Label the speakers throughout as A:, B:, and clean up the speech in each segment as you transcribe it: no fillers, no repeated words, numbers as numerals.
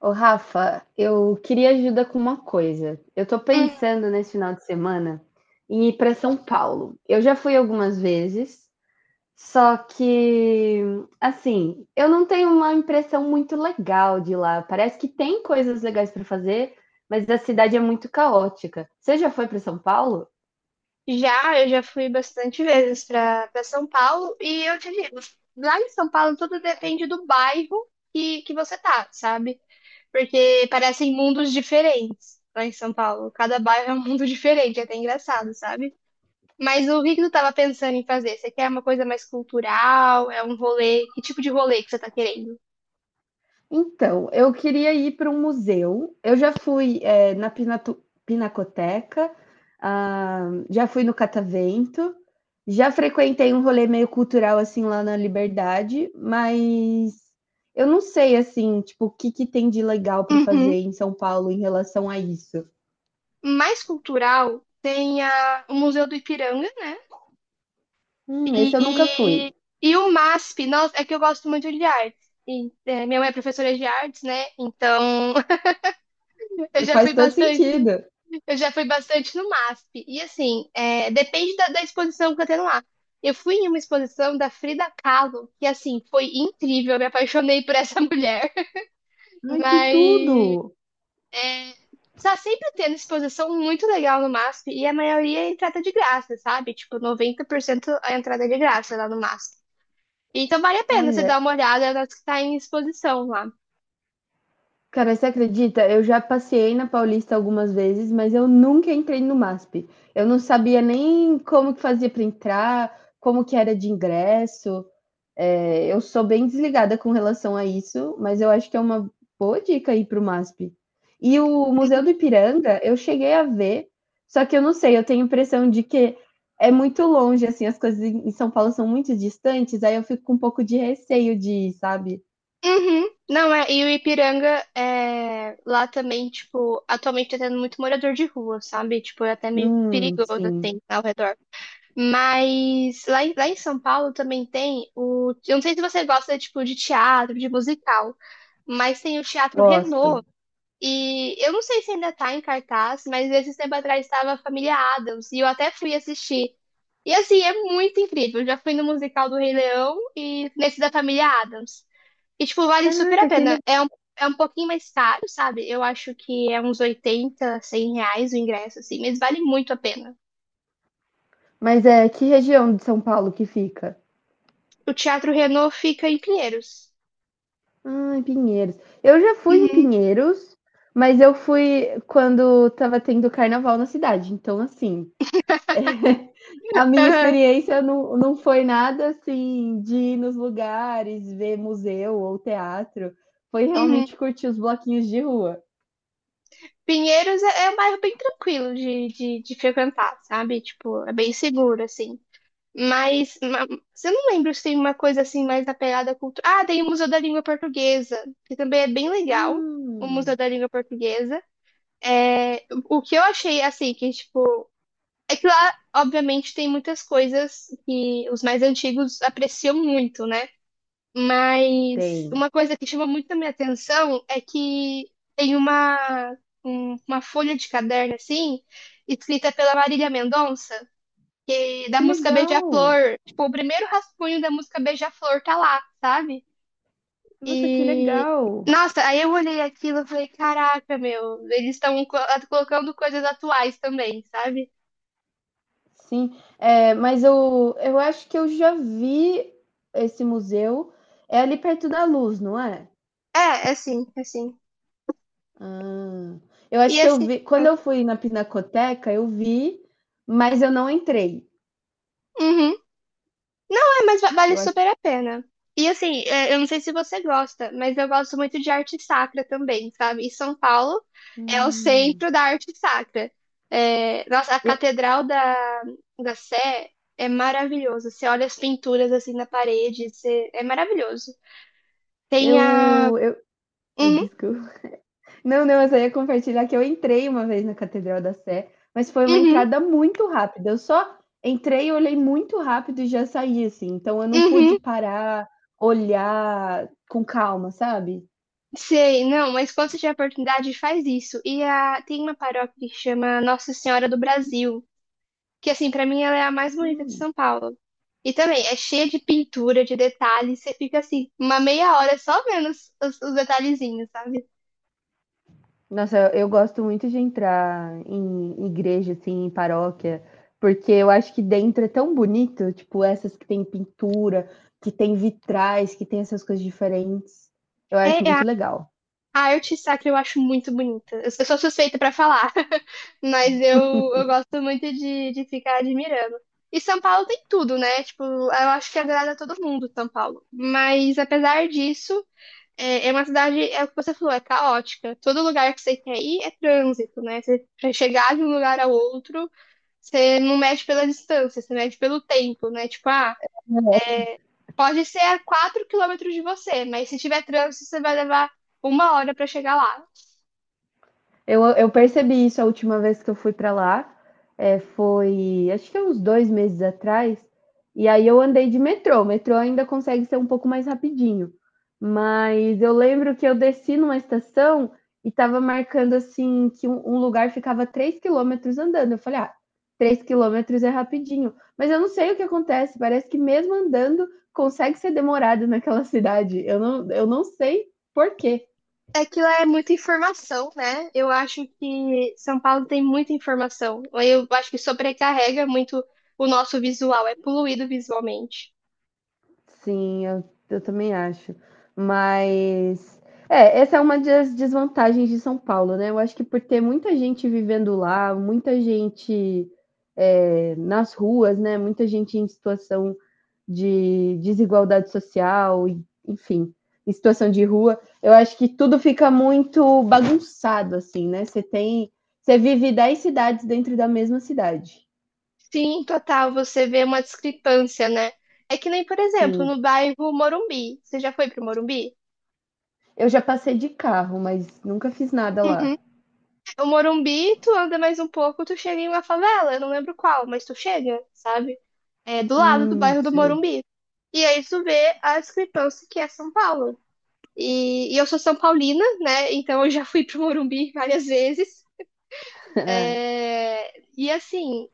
A: Ô, Rafa, eu queria ajuda com uma coisa. Eu tô
B: Hum.
A: pensando nesse final de semana em ir para São Paulo. Eu já fui algumas vezes, só que, assim, eu não tenho uma impressão muito legal de lá. Parece que tem coisas legais para fazer, mas a cidade é muito caótica. Você já foi para São Paulo?
B: Já, eu já fui bastante vezes para São Paulo e eu te digo, lá em São Paulo tudo depende do bairro que você tá, sabe? Porque parecem mundos diferentes lá em São Paulo. Cada bairro é um mundo diferente, é até engraçado, sabe? Mas o que que tu tava pensando em fazer? Você quer uma coisa mais cultural? É um rolê? Que tipo de rolê que você tá querendo?
A: Então, eu queria ir para um museu. Eu já fui, na Pinatu Pinacoteca, ah, já fui no Catavento, já frequentei um rolê meio cultural, assim, lá na Liberdade, mas eu não sei, assim, tipo, o que que tem de legal para
B: Uhum.
A: fazer em São Paulo em relação a isso.
B: Mais cultural tem o Museu do Ipiranga, né?
A: Esse eu nunca
B: E,
A: fui.
B: e o MASP, nossa, é que eu gosto muito de artes. E, minha mãe é professora de artes, né? Então eu já fui
A: Faz todo
B: bastante,
A: sentido.
B: eu já fui bastante no MASP. E assim, depende da exposição que eu tenho lá. Eu fui em uma exposição da Frida Kahlo, que assim, foi incrível, eu me apaixonei por essa mulher.
A: Ai, que
B: Mas
A: tudo!
B: tá sempre tendo exposição muito legal no MASP, e a maioria é entrada de graça, sabe? Tipo, 90% a entrada é de graça lá no MASP. Então vale a pena você
A: Olha.
B: dar uma olhada nas que tá em exposição lá.
A: Cara, você acredita? Eu já passei na Paulista algumas vezes, mas eu nunca entrei no MASP. Eu não sabia nem como que fazia para entrar, como que era de ingresso. É, eu sou bem desligada com relação a isso, mas eu acho que é uma boa dica aí para o MASP. E o Museu do Ipiranga, eu cheguei a ver, só que eu não sei, eu tenho a impressão de que é muito longe, assim, as coisas em São Paulo são muito distantes, aí eu fico com um pouco de receio de ir, sabe?
B: Uhum. Não, é, e o Ipiranga é, lá também, tipo, atualmente tá tendo muito morador de rua, sabe? Tipo, é até meio perigoso,
A: Sim,
B: assim, ao redor. Mas lá em São Paulo também tem o. Eu não sei se você gosta, tipo, de teatro, de musical, mas tem o Teatro
A: gosto.
B: Renault. E eu não sei se ainda tá em cartaz, mas esses tempo atrás estava a Família Addams e eu até fui assistir. E assim, é muito incrível. Eu já fui no musical do Rei Leão e nesse da Família Addams. E tipo, vale super a
A: Caraca, que
B: pena.
A: le-
B: É um pouquinho mais caro, sabe? Eu acho que é uns 80, 100 reais o ingresso, assim, mas vale muito a pena.
A: Mas é que região de São Paulo que fica?
B: O Teatro Renault fica em Pinheiros.
A: Ah, em Pinheiros. Eu já fui em
B: Uhum,
A: Pinheiros, mas eu fui quando tava tendo carnaval na cidade. Então, assim, a minha
B: aham,
A: experiência não, não foi nada assim de ir nos lugares, ver museu ou teatro. Foi
B: uhum.
A: realmente curtir os bloquinhos de rua.
B: Pinheiros é um bairro bem tranquilo de frequentar, sabe? Tipo, é bem seguro, assim. Mas, mas eu não lembro se tem uma coisa assim mais apegada à cultura. Ah, tem o Museu da Língua Portuguesa, que também é bem legal, o Museu
A: Hum,
B: da Língua Portuguesa. É, o que eu achei assim, que tipo, é que lá, obviamente, tem muitas coisas que os mais antigos apreciam muito, né? Mas
A: tem.
B: uma coisa que chama muito a minha atenção é que tem uma, uma folha de caderno assim, escrita pela Marília Mendonça. E da
A: Que
B: música
A: legal!
B: Beija-Flor, tipo, o primeiro rascunho da música Beija-Flor tá lá, sabe?
A: Nossa, que
B: E
A: legal!
B: nossa, aí eu olhei aquilo e falei, caraca, meu, eles estão colocando coisas atuais também, sabe?
A: Sim, é, mas eu acho que eu já vi esse museu. É ali perto da Luz, não é?
B: É, é sim, é sim.
A: Ah, eu acho
B: E
A: que eu
B: assim,
A: vi. Quando eu fui na Pinacoteca, eu vi, mas eu não entrei.
B: uhum, mas vale
A: Eu acho.
B: super a pena. E assim, é, eu não sei se você gosta, mas eu gosto muito de arte sacra também, sabe? E São Paulo é o
A: Hum,
B: centro da arte sacra. É, nossa, a
A: eu,
B: Catedral da Sé é maravilhosa. Você olha as pinturas assim na parede, é maravilhoso. Tem a.
A: eu, eu, Ai,
B: Uhum,
A: desculpa. Não, não, eu só ia compartilhar que eu entrei uma vez na Catedral da Sé, mas foi uma
B: uhum,
A: entrada muito rápida. Eu só entrei, olhei muito rápido e já saí, assim. Então eu não pude
B: uhum.
A: parar, olhar com calma, sabe?
B: Sei, não, mas quando você tiver oportunidade, faz isso. E tem uma paróquia que chama Nossa Senhora do Brasil. Que assim, pra mim ela é a mais bonita de
A: Hum.
B: São Paulo. E também é cheia de pintura, de detalhes, você fica assim, uma meia hora só vendo os detalhezinhos, sabe?
A: Nossa, eu gosto muito de entrar em igreja, assim, em paróquia, porque eu acho que dentro é tão bonito, tipo, essas que tem pintura, que tem vitrais, que tem essas coisas diferentes. Eu acho
B: É,
A: muito
B: a
A: legal.
B: a arte sacra eu acho muito bonita. Eu sou suspeita pra falar, mas eu gosto muito de ficar admirando. E São Paulo tem tudo, né? Tipo, eu acho que agrada a todo mundo, São Paulo. Mas apesar disso, é uma cidade, é o que você falou, é caótica. Todo lugar que você quer ir é trânsito, né? Você, pra chegar de um lugar ao outro. Você não mede pela distância, você mede pelo tempo, né? Tipo, ah, pode ser a 4 quilômetros de você, mas se tiver trânsito, você vai levar uma hora para chegar lá.
A: Eu percebi isso a última vez que eu fui para lá. É, foi, acho que é uns 2 meses atrás. E aí eu andei de metrô. O metrô ainda consegue ser um pouco mais rapidinho. Mas eu lembro que eu desci numa estação e estava marcando assim que um lugar ficava 3 quilômetros andando. Eu falei, ah, 3 quilômetros é rapidinho. Mas eu não sei o que acontece. Parece que mesmo andando consegue ser demorado naquela cidade. Eu não sei por quê.
B: Aquilo é muita informação, né? Eu acho que São Paulo tem muita informação. Eu acho que sobrecarrega muito o nosso visual, é poluído visualmente.
A: Sim, eu também acho. Mas é, essa é uma das desvantagens de São Paulo, né? Eu acho que por ter muita gente vivendo lá, muita gente é, nas ruas, né? Muita gente em situação de desigualdade social, enfim, em situação de rua, eu acho que tudo fica muito bagunçado, assim, né? Você tem, você vive 10 cidades dentro da mesma cidade.
B: Sim, total, você vê uma discrepância, né? É que nem, por exemplo,
A: Sim,
B: no bairro Morumbi. Você já foi pro Morumbi?
A: eu já passei de carro, mas nunca fiz nada
B: Uhum.
A: lá.
B: O Morumbi, tu anda mais um pouco, tu chega em uma favela, eu não lembro qual, mas tu chega, sabe? É do lado do bairro do
A: Sei.
B: Morumbi. E aí tu vê a discrepância que é São Paulo. E eu sou São Paulina, né? Então eu já fui pro Morumbi várias vezes.
A: É.
B: É, e assim,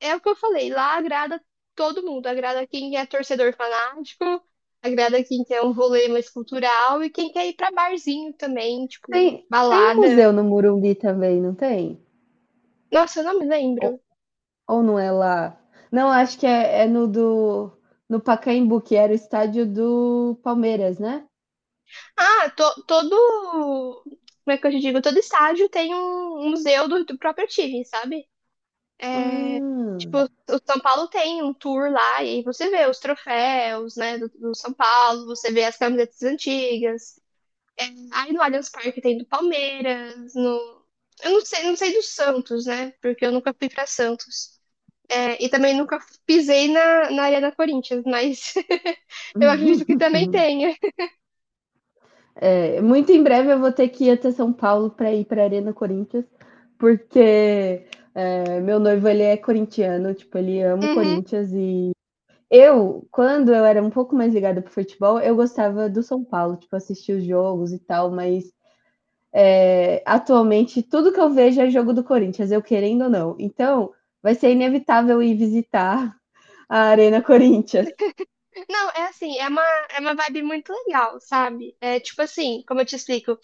B: é o que eu falei, lá agrada todo mundo, agrada quem é torcedor fanático, agrada quem quer um rolê mais cultural e quem quer ir pra barzinho também, tipo,
A: Tem um
B: balada.
A: museu no Morumbi também, não tem?
B: Nossa, eu não me lembro.
A: Ou ou não é lá? Não, acho que é no Pacaembu, que era o estádio do Palmeiras, né?
B: Ah, todo. Como é que eu te digo? Todo estádio tem um museu do próprio time, sabe? É, tipo,
A: Hum.
B: o São Paulo tem um tour lá e você vê os troféus, né, do São Paulo, você vê as camisetas antigas. Aí no Allianz Parque tem do Palmeiras, no. Eu não sei do Santos, né? Porque eu nunca fui pra Santos. É, e também nunca pisei na Arena Corinthians, mas eu acredito que também tenha.
A: É, muito em breve eu vou ter que ir até São Paulo para ir para Arena Corinthians, porque, meu noivo ele é corintiano, tipo, ele ama o
B: Uhum.
A: Corinthians e Quando eu era um pouco mais ligada pro futebol, eu gostava do São Paulo, tipo, assistir os jogos e tal, mas é, atualmente tudo que eu vejo é jogo do Corinthians, eu querendo ou não. Então, vai ser inevitável ir visitar a Arena Corinthians.
B: Não, é assim, é uma, vibe muito legal, sabe? É tipo assim, como eu te explico,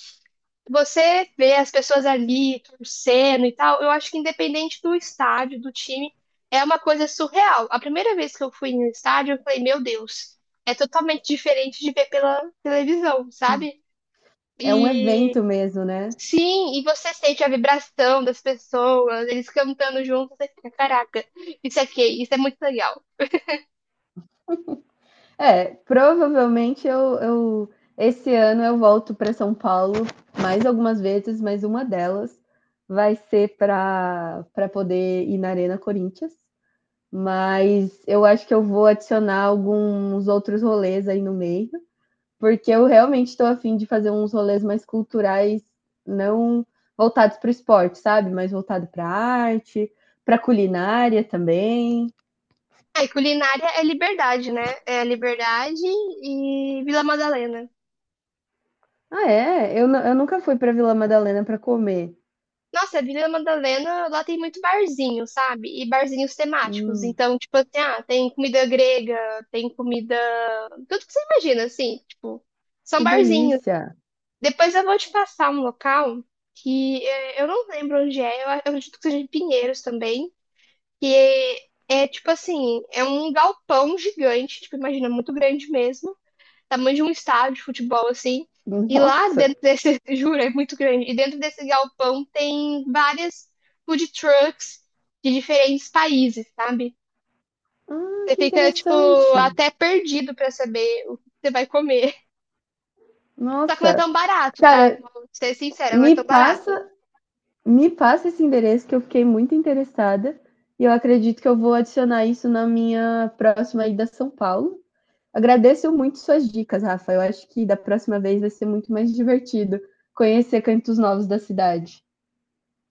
B: você vê as pessoas ali torcendo e tal, eu acho que independente do estádio, do time, é uma coisa surreal. A primeira vez que eu fui no estádio, eu falei, meu Deus, é totalmente diferente de ver pela televisão, sabe?
A: É um
B: E
A: evento mesmo, né?
B: sim, e você sente a vibração das pessoas, eles cantando juntos, você fica, caraca, isso aqui, isso é muito legal.
A: É, provavelmente eu esse ano eu volto para São Paulo mais algumas vezes, mas uma delas vai ser para poder ir na Arena Corinthians. Mas eu acho que eu vou adicionar alguns outros rolês aí no meio, porque eu realmente estou afim de fazer uns rolês mais culturais, não voltados para o esporte, sabe? Mas voltado para arte, para culinária também.
B: Ah, e culinária é liberdade, né? É liberdade e Vila Madalena.
A: Ah, é? Eu nunca fui para Vila Madalena para comer.
B: Nossa, Vila Madalena, lá tem muito barzinho, sabe? E barzinhos temáticos.
A: Hum,
B: Então, tipo assim, ah, tem comida grega, tem comida. Tudo que você imagina, assim, tipo, são
A: que
B: barzinhos.
A: delícia!
B: Depois eu vou te passar um local que eu não lembro onde é, eu acredito que seja em Pinheiros também, que é tipo assim, é um galpão gigante, tipo, imagina, muito grande mesmo. Tamanho de um estádio de futebol, assim. E lá
A: Nossa!
B: dentro desse, juro, é muito grande. E dentro desse galpão tem várias food trucks de diferentes países, sabe?
A: Ah,
B: Você
A: que
B: fica, tipo,
A: interessante!
B: até perdido pra saber o que você vai comer. Só que não é
A: Nossa!
B: tão barato, tá?
A: Cara,
B: Vou ser sincera, não é
A: me
B: tão barato.
A: passa Me passa esse endereço que eu fiquei muito interessada e eu acredito que eu vou adicionar isso na minha próxima ida a São Paulo. Agradeço muito suas dicas, Rafa. Eu acho que da próxima vez vai ser muito mais divertido conhecer cantos novos da cidade.